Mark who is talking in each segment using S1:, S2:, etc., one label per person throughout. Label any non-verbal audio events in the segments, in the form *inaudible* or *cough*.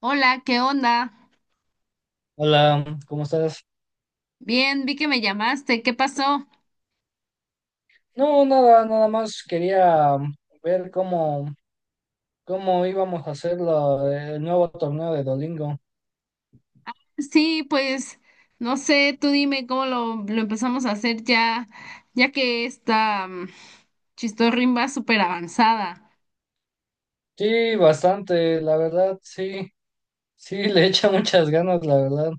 S1: Hola, ¿qué onda?
S2: Hola, ¿cómo estás?
S1: Bien, vi que me llamaste. ¿Qué pasó?
S2: No, nada más quería ver cómo íbamos a hacer el nuevo torneo de Dolingo.
S1: Sí, pues no sé, tú dime cómo lo empezamos a hacer ya, ya que esta chistorrín va súper avanzada.
S2: Sí, bastante, la verdad, sí, sí, *laughs* le echa muchas ganas, la verdad.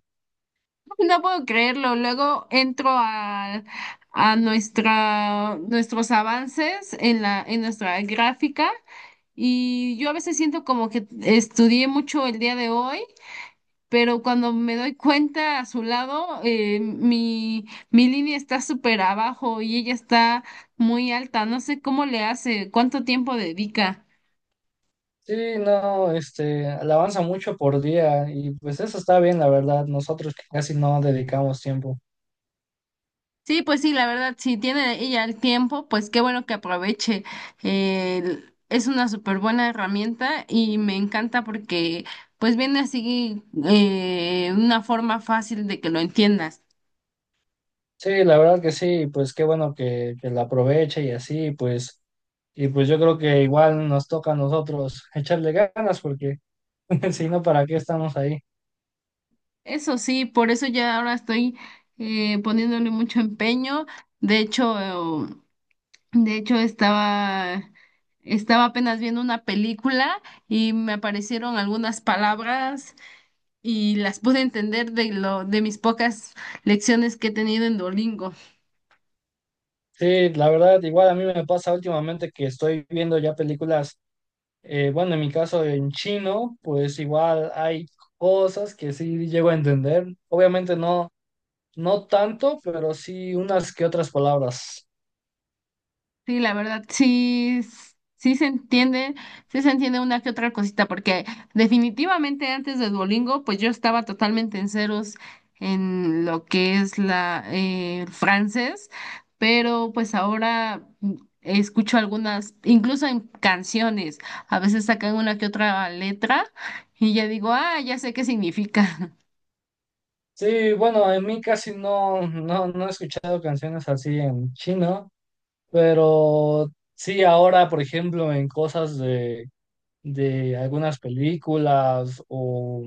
S1: *laughs* No puedo creerlo. Luego a nuestros avances en nuestra gráfica, y yo a veces siento como que estudié mucho el día de hoy, pero cuando me doy cuenta a su lado, mi línea está súper abajo y ella está muy alta. No sé cómo le hace, cuánto tiempo dedica.
S2: Sí, no, le avanza mucho por día y pues eso está bien, la verdad, nosotros que casi no dedicamos tiempo.
S1: Sí, pues sí, la verdad, si tiene ella el tiempo, pues qué bueno que aproveche. Es una súper buena herramienta y me encanta porque pues viene así una forma fácil de que lo entiendas.
S2: Sí, la verdad que sí, pues qué bueno que la aproveche y así, pues, y pues yo creo que igual nos toca a nosotros echarle ganas porque... *laughs* Si no, ¿para qué estamos ahí?
S1: Eso sí, por eso ya ahora estoy poniéndole mucho empeño. De hecho, De hecho, estaba apenas viendo una película y me aparecieron algunas palabras y las pude entender de de mis pocas lecciones que he tenido en Duolingo.
S2: Sí, la verdad, igual a mí me pasa últimamente que estoy viendo ya películas, bueno, en mi caso en chino, pues igual hay cosas que sí llego a entender. Obviamente no, no tanto, pero sí unas que otras palabras.
S1: Sí, la verdad, sí, sí se entiende una que otra cosita, porque definitivamente antes de Duolingo, pues yo estaba totalmente en ceros en lo que es la el francés, pero pues ahora escucho algunas, incluso en canciones, a veces sacan una que otra letra y ya digo, ah, ya sé qué significa. *laughs*
S2: Sí, bueno, en mí casi no, no he escuchado canciones así en chino, pero sí ahora, por ejemplo, en cosas de algunas películas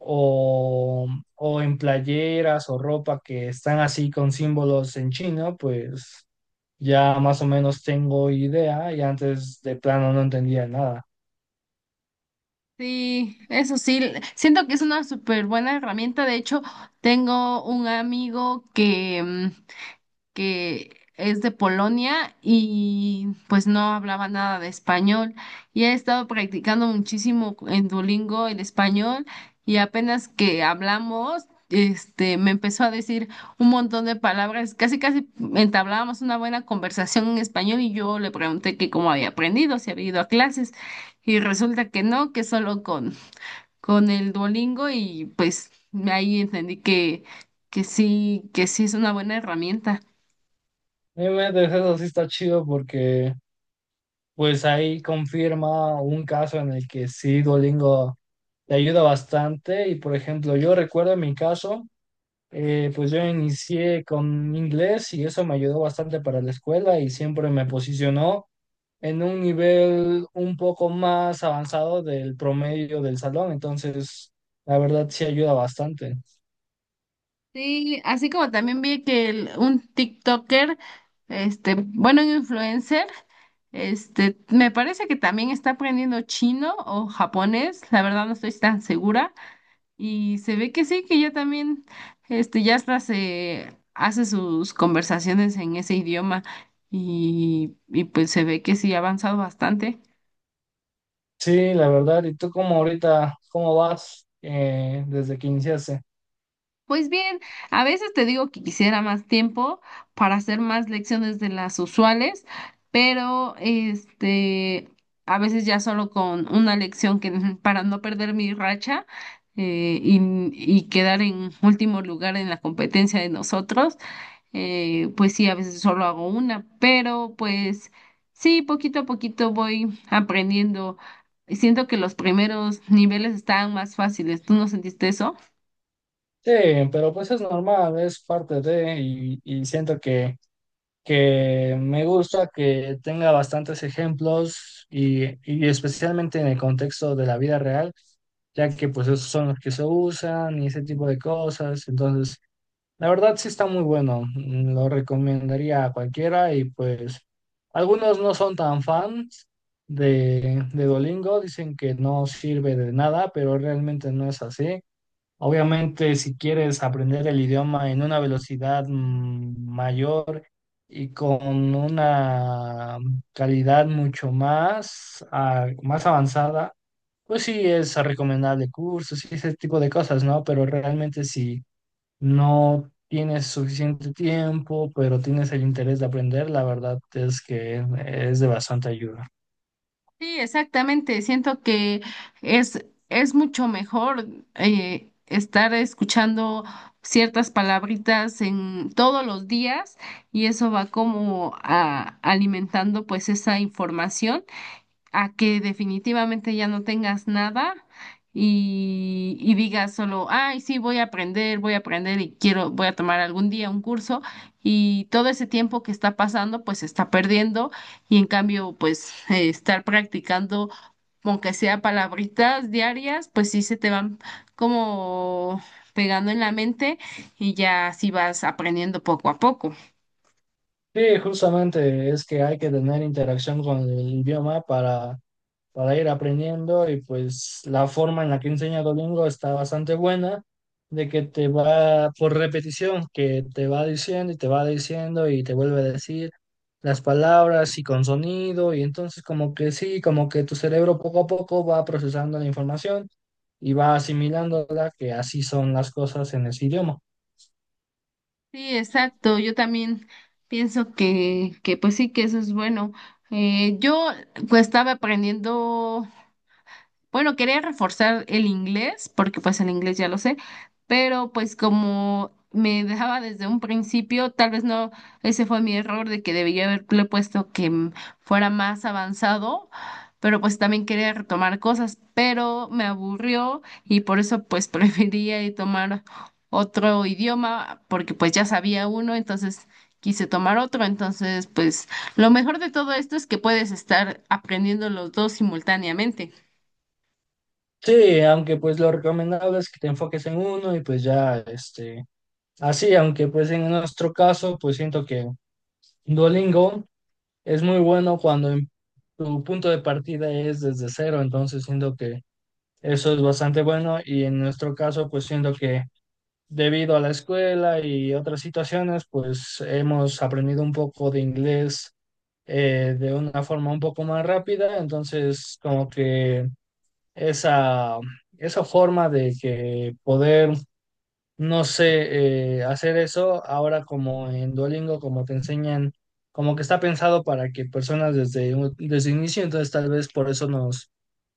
S2: o, o en playeras o ropa que están así con símbolos en chino, pues ya más o menos tengo idea y antes de plano no entendía nada.
S1: Sí, eso sí, siento que es una súper buena herramienta. De hecho, tengo un amigo que es de Polonia y pues no hablaba nada de español. Y he estado practicando muchísimo en Duolingo el español, y apenas que hablamos, este, me empezó a decir un montón de palabras. Casi, casi entablábamos una buena conversación en español, y yo le pregunté que cómo había aprendido, si había ido a clases. Y resulta que no, que solo con el Duolingo, y pues ahí entendí que sí es una buena herramienta.
S2: Obviamente eso sí está chido porque pues ahí confirma un caso en el que sí Duolingo te ayuda bastante y por ejemplo yo recuerdo en mi caso pues yo inicié con inglés y eso me ayudó bastante para la escuela y siempre me posicionó en un nivel un poco más avanzado del promedio del salón, entonces la verdad sí ayuda bastante.
S1: Sí, así como también vi que un TikToker, este, bueno, un influencer, este, me parece que también está aprendiendo chino o japonés, la verdad no estoy tan segura, y se ve que sí, que ya también, este, ya hasta se hace sus conversaciones en ese idioma, y pues se ve que sí ha avanzado bastante.
S2: Sí, la verdad, ¿y tú cómo ahorita, cómo vas desde que iniciaste?
S1: Pues bien, a veces te digo que quisiera más tiempo para hacer más lecciones de las usuales, pero este, a veces ya solo con una lección que *laughs* para no perder mi racha, eh, y, y quedar en último lugar en la competencia de nosotros, pues sí, a veces solo hago una, pero pues sí, poquito a poquito voy aprendiendo. Siento que los primeros niveles estaban más fáciles. ¿Tú no sentiste eso?
S2: Sí, pero pues es normal, es parte de. Y siento que me gusta que tenga bastantes ejemplos y especialmente en el contexto de la vida real, ya que pues esos son los que se usan y ese tipo de cosas, entonces... La verdad sí está muy bueno, lo recomendaría a cualquiera y pues algunos no son tan fans de Duolingo, dicen que no sirve de nada, pero realmente no es así. Obviamente si quieres aprender el idioma en una velocidad mayor y con una calidad mucho más, más avanzada, pues sí es recomendable cursos y ese tipo de cosas, ¿no? Pero realmente sí no tienes suficiente tiempo, pero tienes el interés de aprender, la verdad es que es de bastante ayuda.
S1: Sí, exactamente. Siento que es, es mucho mejor estar escuchando ciertas palabritas en todos los días, y eso va como alimentando pues esa información, a que definitivamente ya no tengas nada y, y digas solo, ay, sí, voy a aprender y quiero, voy a tomar algún día un curso, y todo ese tiempo que está pasando, pues se está perdiendo, y en cambio, pues estar practicando, aunque sea palabritas diarias, pues sí se te van como pegando en la mente y ya así vas aprendiendo poco a poco.
S2: Sí, justamente es que hay que tener interacción con el idioma para ir aprendiendo y pues la forma en la que enseña Duolingo está bastante buena, de que te va por repetición, que te va diciendo y te va diciendo y te vuelve a decir las palabras y con sonido y entonces como que sí, como que tu cerebro poco a poco va procesando la información y va asimilándola, que así son las cosas en ese idioma.
S1: Sí, exacto. Yo también pienso que pues sí, que eso es bueno. Yo pues estaba aprendiendo. Bueno, quería reforzar el inglés, porque pues el inglés ya lo sé, pero pues como me dejaba desde un principio, tal vez no, ese fue mi error de que debía haberle puesto que fuera más avanzado, pero pues también quería retomar cosas, pero me aburrió y por eso pues *laughs* prefería ir tomar otro idioma, porque pues ya sabía uno, entonces quise tomar otro, entonces pues lo mejor de todo esto es que puedes estar aprendiendo los dos simultáneamente.
S2: Sí, aunque pues lo recomendable es que te enfoques en uno y pues ya, este, así, aunque pues en nuestro caso, pues siento que Duolingo es muy bueno cuando tu punto de partida es desde cero, entonces siento que eso es bastante bueno y en nuestro caso, pues siento que debido a la escuela y otras situaciones, pues hemos aprendido un poco de inglés de una forma un poco más rápida, entonces como que esa, esa forma de que poder, no sé, hacer eso ahora como en Duolingo, como te enseñan, como que está pensado para que personas desde el inicio, entonces tal vez por eso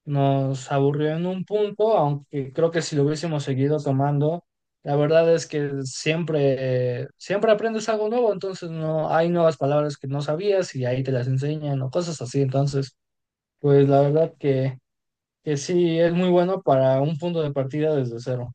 S2: nos aburrió en un punto, aunque creo que si lo hubiésemos seguido tomando, la verdad es que siempre, siempre aprendes algo nuevo, entonces no hay nuevas palabras que no sabías y ahí te las enseñan o cosas así, entonces, pues la verdad que sí es muy bueno para un punto de partida desde cero.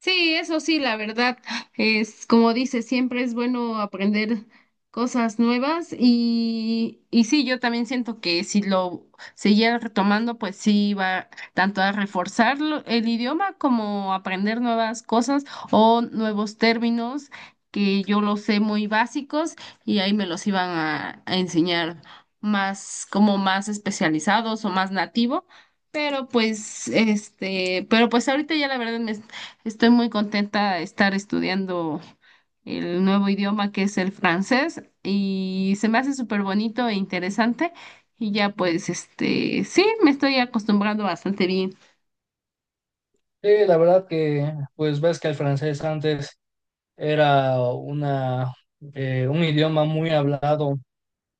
S1: Sí, eso sí, la verdad, es como dice, siempre es bueno aprender cosas nuevas y sí, yo también siento que si lo siguiera retomando, pues sí va tanto a reforzar el idioma como aprender nuevas cosas o nuevos términos que yo los sé muy básicos y ahí me los iban a enseñar más, como más especializados o más nativo. Pero pues, este, pero pues ahorita ya la verdad me estoy muy contenta de estar estudiando el nuevo idioma que es el francés, y se me hace súper bonito e interesante, y ya pues este, sí, me estoy acostumbrando bastante bien.
S2: Sí, la verdad que, pues ves que el francés antes era un idioma muy hablado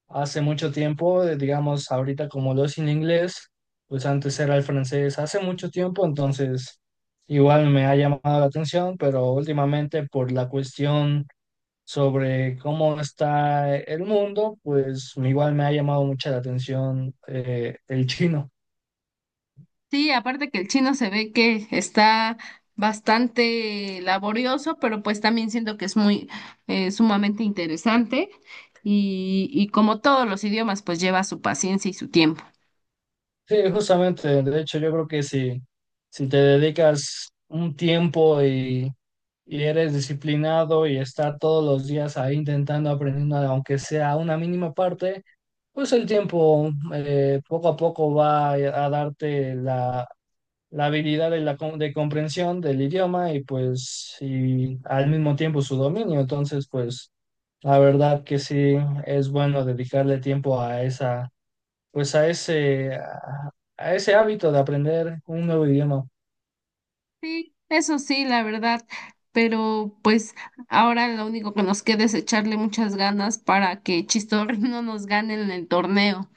S2: hace mucho tiempo, digamos ahorita como lo es en inglés, pues antes era el francés hace mucho tiempo, entonces igual me ha llamado la atención, pero últimamente por la cuestión sobre cómo está el mundo, pues igual me ha llamado mucha la atención el chino.
S1: Sí, aparte que el chino se ve que está bastante laborioso, pero pues también siento que es muy sumamente interesante y como todos los idiomas pues lleva su paciencia y su tiempo.
S2: Sí, justamente, de hecho yo creo que si, si te dedicas un tiempo y eres disciplinado y estar todos los días ahí intentando aprendiendo, aunque sea una mínima parte, pues el tiempo poco a poco va a darte la habilidad de comprensión del idioma y pues y al mismo tiempo su dominio. Entonces, pues la verdad que sí es bueno dedicarle tiempo a esa... pues a a ese hábito de aprender un nuevo idioma.
S1: Sí, eso sí, la verdad, pero pues ahora lo único que nos queda es echarle muchas ganas para que Chistorri *laughs* no nos gane en el torneo.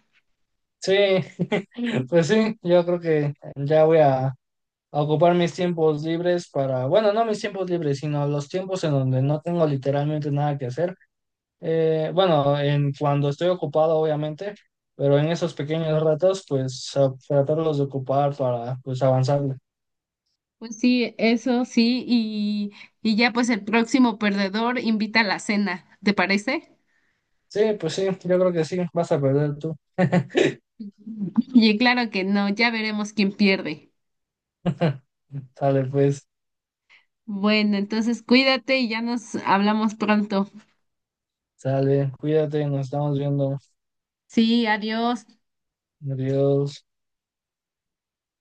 S2: Sí, *laughs* pues sí, yo creo que ya voy a ocupar mis tiempos libres para, bueno, no mis tiempos libres, sino los tiempos en donde no tengo literalmente nada que hacer. Bueno, en cuando estoy ocupado, obviamente, pero en esos pequeños ratos, pues tratarlos de ocupar para, pues, avanzar.
S1: Pues sí, eso sí, y ya pues el próximo perdedor invita a la cena, ¿te parece?
S2: Sí, pues sí, yo creo que sí, vas a perder tú. *laughs*
S1: Y claro que no, ya veremos quién pierde.
S2: Sale, pues,
S1: Bueno, entonces cuídate y ya nos hablamos pronto.
S2: sale, cuídate, nos estamos viendo.
S1: Sí, adiós.
S2: Adiós.